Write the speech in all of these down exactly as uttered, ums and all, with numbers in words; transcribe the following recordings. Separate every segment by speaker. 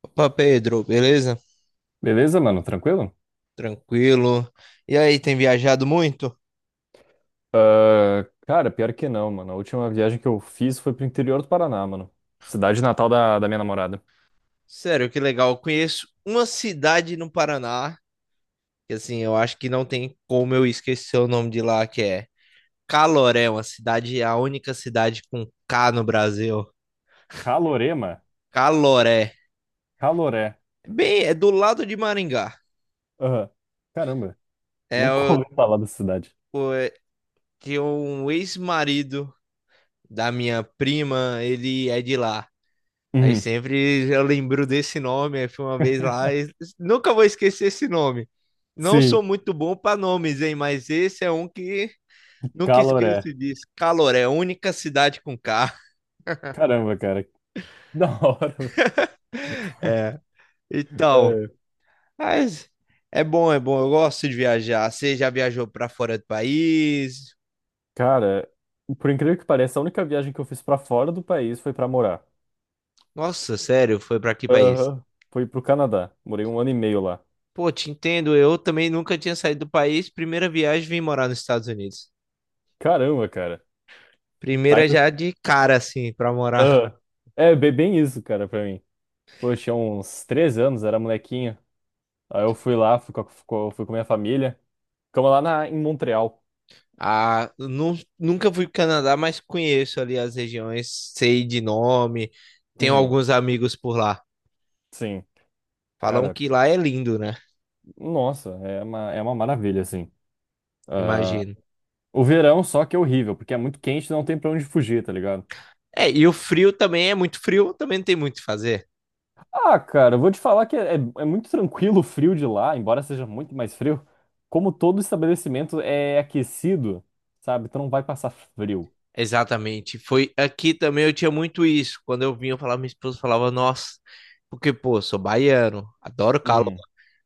Speaker 1: Opa, Pedro, beleza?
Speaker 2: Beleza, mano? Tranquilo?
Speaker 1: Tranquilo. E aí, tem viajado muito?
Speaker 2: Ah, cara, pior que não, mano. A última viagem que eu fiz foi pro interior do Paraná, mano. Cidade natal da, da minha namorada.
Speaker 1: Sério, que legal. Eu conheço uma cidade no Paraná, que assim, eu acho que não tem como eu esquecer o nome de lá, que é Caloré, uma cidade, a única cidade com K no Brasil.
Speaker 2: Calorema?
Speaker 1: Caloré.
Speaker 2: Caloré.
Speaker 1: Bem, é do lado de Maringá.
Speaker 2: Aham. Caramba,
Speaker 1: É,
Speaker 2: nunca
Speaker 1: eu
Speaker 2: ouvi falar dessa cidade.
Speaker 1: tinha um ex-marido da minha prima, ele é de lá. Aí
Speaker 2: Uhum.
Speaker 1: sempre eu lembro desse nome, aí fui uma vez lá e nunca vou esquecer esse nome. Não sou
Speaker 2: Sim,
Speaker 1: muito bom para nomes, hein, mas esse é um que nunca
Speaker 2: Caloré.
Speaker 1: esqueço disso. Caloré, única cidade com K.
Speaker 2: Caramba, cara. Que Da hora, mano.
Speaker 1: É. Então,
Speaker 2: É,
Speaker 1: mas é bom, é bom. Eu gosto de viajar. Você já viajou para fora do país?
Speaker 2: cara, por incrível que pareça, a única viagem que eu fiz pra fora do país foi pra morar.
Speaker 1: Nossa, sério, foi para que país?
Speaker 2: Aham. Foi pro Canadá. Morei um ano e meio lá.
Speaker 1: Pô, te entendo. Eu também nunca tinha saído do país. Primeira viagem, vim morar nos Estados Unidos.
Speaker 2: Caramba, cara. Tá.
Speaker 1: Primeira já de cara, assim, para morar.
Speaker 2: Ah, é bem, bem isso, cara, pra mim. Pô, eu tinha uns três anos, era molequinho. Aí eu fui lá, fui com, a- com- fui com a minha família. Ficamos lá na, em Montreal.
Speaker 1: Ah, nu- nunca fui pro Canadá, mas conheço ali as regiões, sei de nome, tenho
Speaker 2: Uhum,
Speaker 1: alguns amigos por lá.
Speaker 2: sim.
Speaker 1: Falam
Speaker 2: Cara,
Speaker 1: que lá é lindo, né?
Speaker 2: nossa, é uma, é uma maravilha, assim. Ah,
Speaker 1: Imagino.
Speaker 2: o verão só que é horrível, porque é muito quente e não tem pra onde fugir, tá ligado?
Speaker 1: É, e o frio também é muito frio, também não tem muito o que fazer.
Speaker 2: Ah, cara, eu vou te falar que é, é muito tranquilo o frio de lá, embora seja muito mais frio. Como todo estabelecimento é aquecido, sabe? Tu não vai passar frio.
Speaker 1: Exatamente. Foi aqui também eu tinha muito isso. Quando eu vinha eu falava, minha esposa falava, nossa, porque, pô, sou baiano, adoro calor.
Speaker 2: Uhum.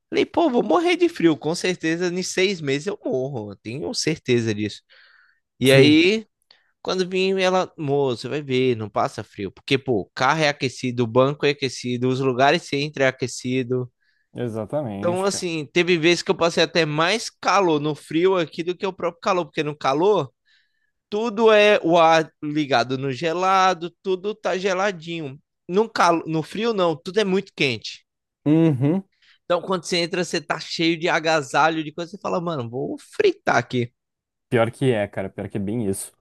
Speaker 1: Falei, pô, vou morrer de frio, com certeza, em seis meses eu morro, eu tenho certeza disso. E
Speaker 2: Sim,
Speaker 1: aí. Quando vim, ela, moço, vai ver, não passa frio. Porque, pô, o carro é aquecido, o banco é aquecido, os lugares que você entra é aquecido. Então,
Speaker 2: exatamente.
Speaker 1: assim, teve vezes que eu passei até mais calor no frio aqui do que o próprio calor, porque no calor, tudo é o ar ligado no gelado, tudo tá geladinho. No calo, no frio, não, tudo é muito quente.
Speaker 2: Uhum.
Speaker 1: Então, quando você entra, você tá cheio de agasalho, de coisa, você fala, mano, vou fritar aqui,
Speaker 2: Pior que é, cara, pior que é bem isso.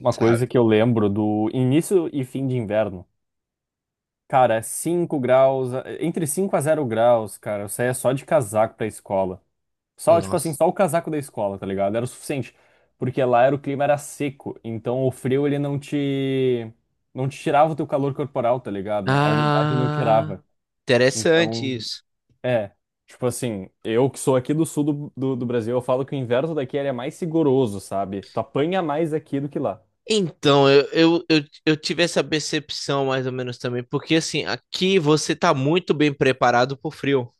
Speaker 2: Uma
Speaker 1: sabe?
Speaker 2: coisa que eu lembro do início e fim de inverno. Cara, cinco graus, eh, entre cinco a zero graus, cara, eu saía só de casaco pra escola. Só, tipo assim,
Speaker 1: Nossa.
Speaker 2: só o casaco da escola, tá ligado? Era o suficiente, porque lá era o clima era seco, então o frio ele não te não te tirava o teu calor corporal, tá ligado? A umidade não
Speaker 1: Ah,
Speaker 2: tirava.
Speaker 1: interessante
Speaker 2: Então,
Speaker 1: isso.
Speaker 2: é, tipo assim, eu que sou aqui do sul do, do, do Brasil, eu falo que o inverno daqui ele é mais rigoroso, sabe? Tu apanha mais aqui do que lá.
Speaker 1: Então, eu, eu, eu, eu tive essa percepção mais ou menos também, porque assim, aqui você tá muito bem preparado pro frio.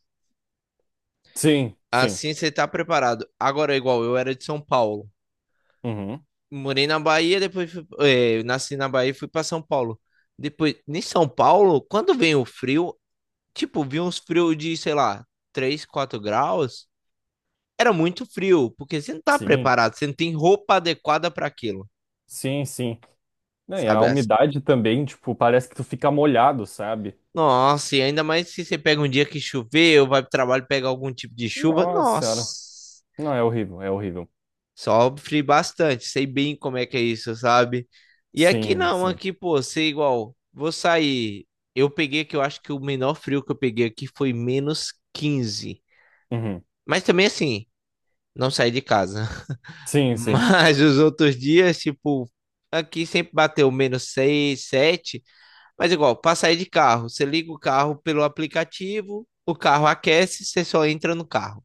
Speaker 2: Sim, sim.
Speaker 1: Assim você tá preparado. Agora, igual eu era de São Paulo.
Speaker 2: Uhum.
Speaker 1: Morei na Bahia, depois fui- eh, nasci na Bahia e fui pra São Paulo. Depois, em São Paulo, quando vem o frio, tipo, vi uns frios de, sei lá, três quatro graus. Era muito frio, porque você não tá
Speaker 2: Sim,
Speaker 1: preparado, você não tem roupa adequada para aquilo,
Speaker 2: sim, sim. Não, e a
Speaker 1: sabe?
Speaker 2: umidade também, tipo, parece que tu fica molhado, sabe?
Speaker 1: Nossa, e ainda mais se você pega um dia que choveu, vai pro trabalho pegar algum tipo de chuva.
Speaker 2: Nossa
Speaker 1: Nossa,
Speaker 2: senhora. Não, é horrível, é horrível.
Speaker 1: sofre bastante. Sei bem como é que é isso, sabe? E aqui
Speaker 2: Sim,
Speaker 1: não,
Speaker 2: sim.
Speaker 1: aqui, pô, sei igual. Vou sair. Eu peguei que eu acho que o menor frio que eu peguei aqui foi menos quinze.
Speaker 2: Uhum.
Speaker 1: Mas também assim, não saí de casa.
Speaker 2: Sim, sim.
Speaker 1: Mas os outros dias, tipo, aqui sempre bateu menos seis sete. Mas igual, para sair de carro, você liga o carro pelo aplicativo, o carro aquece, você só entra no carro.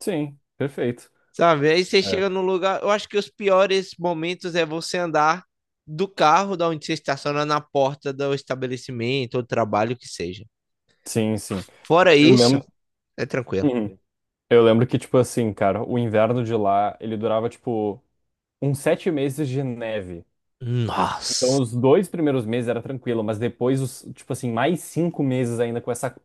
Speaker 2: Sim, perfeito.
Speaker 1: Sabe? Aí você
Speaker 2: É.
Speaker 1: chega no lugar. Eu acho que os piores momentos é você andar do carro da onde você estaciona na porta do estabelecimento ou trabalho que seja.
Speaker 2: Sim, sim.
Speaker 1: Fora
Speaker 2: Eu
Speaker 1: isso,
Speaker 2: lembro.
Speaker 1: é tranquilo.
Speaker 2: Uhum. Eu lembro que, tipo assim, cara, o inverno de lá, ele durava, tipo, uns sete meses de neve. Então,
Speaker 1: Nossa.
Speaker 2: os dois primeiros meses era tranquilo, mas depois, os, tipo assim, mais cinco meses ainda com essa.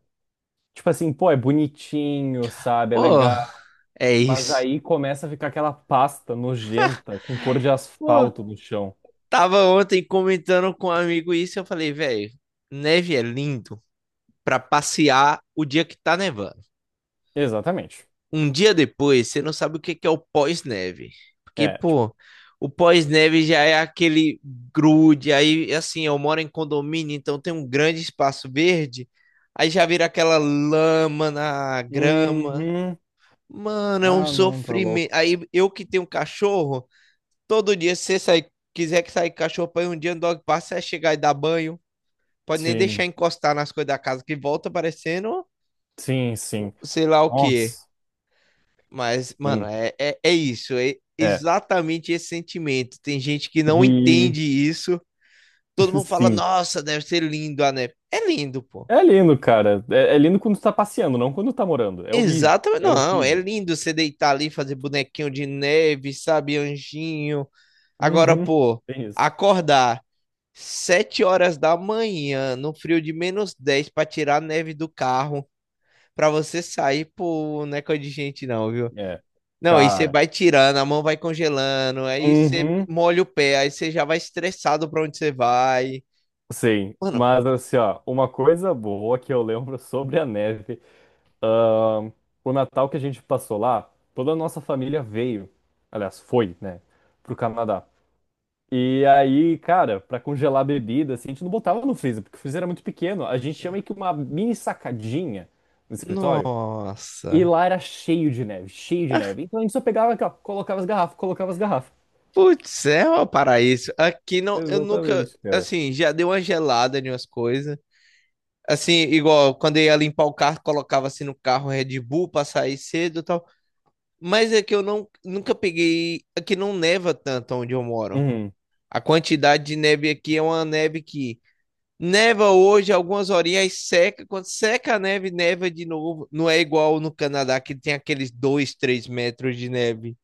Speaker 2: Tipo assim, pô, é bonitinho, sabe? É
Speaker 1: Pô,
Speaker 2: legal.
Speaker 1: é
Speaker 2: Mas
Speaker 1: isso.
Speaker 2: aí começa a ficar aquela pasta nojenta com cor de
Speaker 1: Pô,
Speaker 2: asfalto no chão.
Speaker 1: tava ontem comentando com um amigo isso, eu falei, velho, neve é lindo para passear o dia que tá nevando.
Speaker 2: Exatamente.
Speaker 1: Um dia depois, você não sabe o que que é o pós-neve. Porque,
Speaker 2: É, tipo.
Speaker 1: pô, o pós-neve já é aquele grude. Aí, assim, eu moro em condomínio, então tem um grande espaço verde. Aí já vira aquela lama na grama.
Speaker 2: Uhum.
Speaker 1: Mano, é um
Speaker 2: Ah, não, tá
Speaker 1: sofrimento.
Speaker 2: louco.
Speaker 1: Aí eu que tenho cachorro, todo dia se você sair, quiser que sair com cachorro pra ir um dia no dog park, você vai chegar e dar banho. Pode nem deixar
Speaker 2: Sim,
Speaker 1: encostar nas coisas da casa, que volta parecendo
Speaker 2: sim, sim.
Speaker 1: sei lá o quê.
Speaker 2: Nossa,
Speaker 1: Mas, mano,
Speaker 2: sim.
Speaker 1: é, é, é isso, é
Speaker 2: É.
Speaker 1: exatamente esse sentimento. Tem gente que não
Speaker 2: E.
Speaker 1: entende isso. Todo mundo fala,
Speaker 2: Sim.
Speaker 1: nossa, deve ser lindo a neve. É lindo, pô.
Speaker 2: É lindo, cara. É, é lindo quando tu tá passeando, não quando tá morando. É horrível.
Speaker 1: Exatamente,
Speaker 2: É
Speaker 1: não, é
Speaker 2: horrível.
Speaker 1: lindo você deitar ali, fazer bonequinho de neve, sabe, anjinho. Agora,
Speaker 2: Uhum.
Speaker 1: pô,
Speaker 2: Tem isso.
Speaker 1: acordar sete horas da manhã, no frio de menos dez pra tirar a neve do carro, pra você sair, pô, não é coisa de gente não, viu?
Speaker 2: É,
Speaker 1: Não, aí você
Speaker 2: cara.
Speaker 1: vai tirando, a mão vai congelando, aí você
Speaker 2: Uhum.
Speaker 1: molha o pé, aí você já vai estressado pra onde você vai.
Speaker 2: Sim,
Speaker 1: Mano,
Speaker 2: mas assim, ó, uma coisa boa que eu lembro sobre a neve, ahn, o Natal que a gente passou lá, toda a nossa família veio, aliás, foi, né, pro Canadá. E aí, cara, pra congelar a bebida, assim, a gente não botava no freezer, porque o freezer era muito pequeno. A gente tinha meio que uma mini sacadinha no escritório, e
Speaker 1: nossa.
Speaker 2: lá era cheio de neve, cheio de neve. Então a gente só pegava aqui, ó, colocava as garrafas, colocava as garrafas.
Speaker 1: Putz, é um paraíso. Aqui não, eu nunca,
Speaker 2: Exatamente, cara.
Speaker 1: assim, já deu uma gelada em umas coisas. Assim, igual quando eu ia limpar o carro, colocava assim no carro Red Bull pra sair cedo e tal. Mas é que eu não, nunca peguei. Aqui não neva tanto onde eu moro. A quantidade de neve aqui é uma neve que neva hoje, algumas horinhas seca. Quando seca a neve, neva de novo. Não é igual no Canadá, que tem aqueles dois, três metros de neve.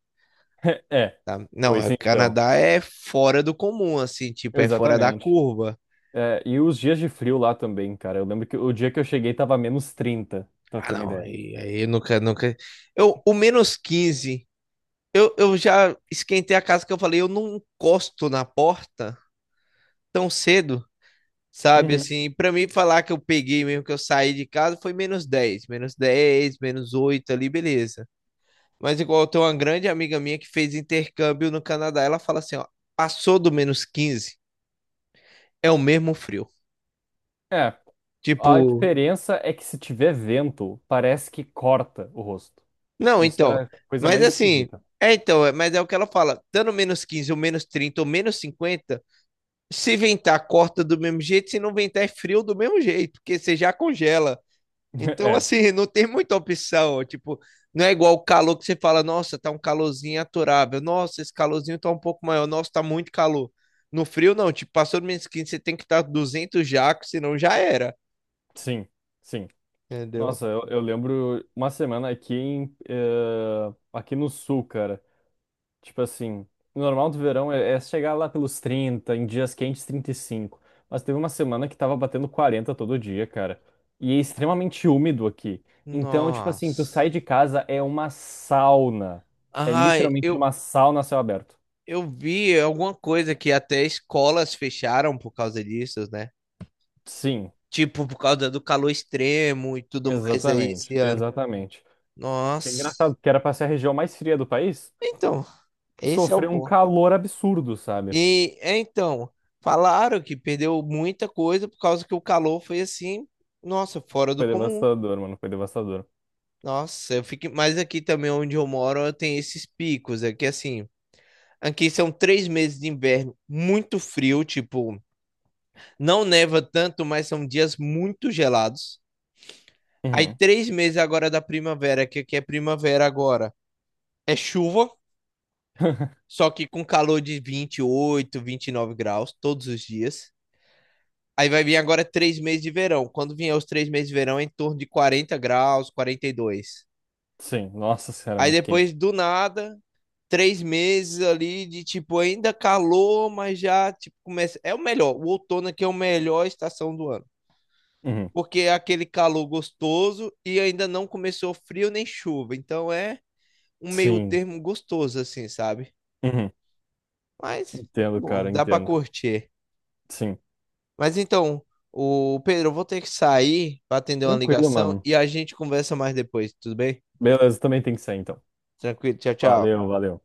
Speaker 2: É,
Speaker 1: Tá? Não,
Speaker 2: pois
Speaker 1: o
Speaker 2: então.
Speaker 1: Canadá é fora do comum, assim, tipo, é fora da
Speaker 2: Exatamente.
Speaker 1: curva.
Speaker 2: É, e os dias de frio lá também, cara. Eu lembro que o dia que eu cheguei tava menos trinta, pra
Speaker 1: Ah,
Speaker 2: ter uma
Speaker 1: não,
Speaker 2: ideia.
Speaker 1: aí, aí eu nunca, nunca. Eu, o menos quinze, eu, eu já esquentei a casa que eu falei, eu não encosto na porta tão cedo, sabe?
Speaker 2: Uhum.
Speaker 1: Assim, pra mim falar que eu peguei mesmo, que eu saí de casa, foi menos dez, menos dez, menos oito ali, beleza. Mas igual eu tenho uma grande amiga minha que fez intercâmbio no Canadá, ela fala assim, ó, passou do menos quinze, é o mesmo frio.
Speaker 2: É, a
Speaker 1: Tipo,
Speaker 2: diferença é que se tiver vento, parece que corta o rosto.
Speaker 1: não,
Speaker 2: Isso
Speaker 1: então,
Speaker 2: era a coisa
Speaker 1: mas
Speaker 2: mais
Speaker 1: assim,
Speaker 2: esquisita.
Speaker 1: é então, é- mas é o que ela fala, dando menos quinze, ou menos trinta, ou menos cinquenta, se ventar, corta do mesmo jeito, se não ventar, é frio do mesmo jeito, porque você já congela. Então,
Speaker 2: É,
Speaker 1: assim, não tem muita opção. Tipo, não é igual o calor que você fala, nossa, tá um calorzinho aturável. Nossa, esse calorzinho tá um pouco maior. Nossa, tá muito calor. No frio, não. Tipo, passou do menos quinze você tem que estar duzentos jacos, senão já era.
Speaker 2: sim, sim.
Speaker 1: Entendeu?
Speaker 2: Nossa, eu, eu lembro uma semana aqui em, eh, aqui no sul, cara. Tipo assim, o normal do verão é, é chegar lá pelos trinta, em dias quentes trinta e cinco. Mas teve uma semana que tava batendo quarenta todo dia, cara. E é extremamente úmido aqui. Então, tipo assim, tu
Speaker 1: Nossa.
Speaker 2: sai de casa é uma sauna. É
Speaker 1: Ai,
Speaker 2: literalmente
Speaker 1: eu,
Speaker 2: uma sauna a céu aberto.
Speaker 1: eu vi alguma coisa que até escolas fecharam por causa disso, né?
Speaker 2: Sim,
Speaker 1: Tipo, por causa do calor extremo e tudo mais aí
Speaker 2: exatamente,
Speaker 1: esse ano.
Speaker 2: exatamente. É
Speaker 1: Nossa.
Speaker 2: engraçado, porque era pra ser a região mais fria do país,
Speaker 1: Então, esse é o
Speaker 2: sofreu um
Speaker 1: ponto.
Speaker 2: calor absurdo, sabe?
Speaker 1: E é, então, falaram que perdeu muita coisa por causa que o calor foi assim, nossa, fora do
Speaker 2: Foi
Speaker 1: comum.
Speaker 2: devastador, mano, foi devastador.
Speaker 1: Nossa, eu fiquei, mas aqui também onde eu moro, eu tenho esses picos. Aqui assim, aqui são três meses de inverno muito frio, tipo, não neva tanto, mas são dias muito gelados. Aí
Speaker 2: Uhum.
Speaker 1: três meses agora da primavera, que aqui é primavera agora, é chuva, só que com calor de vinte e oito, vinte e nove graus todos os dias. Aí vai vir agora três meses de verão. Quando vier os três meses de verão, é em torno de quarenta graus, quarenta e dois.
Speaker 2: Sim, nossa senhora,
Speaker 1: Aí
Speaker 2: muito quente.
Speaker 1: depois, do nada, três meses ali de tipo, ainda calor, mas já tipo, começa. É o melhor. O outono aqui é a melhor estação do ano.
Speaker 2: Uhum.
Speaker 1: Porque é aquele calor gostoso e ainda não começou frio nem chuva. Então é um meio
Speaker 2: Sim.
Speaker 1: termo gostoso, assim, sabe?
Speaker 2: Uhum.
Speaker 1: Mas,
Speaker 2: Entendo,
Speaker 1: bom,
Speaker 2: cara,
Speaker 1: dá pra
Speaker 2: entendo.
Speaker 1: curtir.
Speaker 2: Sim.
Speaker 1: Mas então, o Pedro, eu vou ter que sair para atender uma
Speaker 2: Tranquilo,
Speaker 1: ligação
Speaker 2: mano.
Speaker 1: e a gente conversa mais depois, tudo bem?
Speaker 2: Beleza, também tem que ser, então.
Speaker 1: Tranquilo, tchau, tchau.
Speaker 2: Valeu, valeu.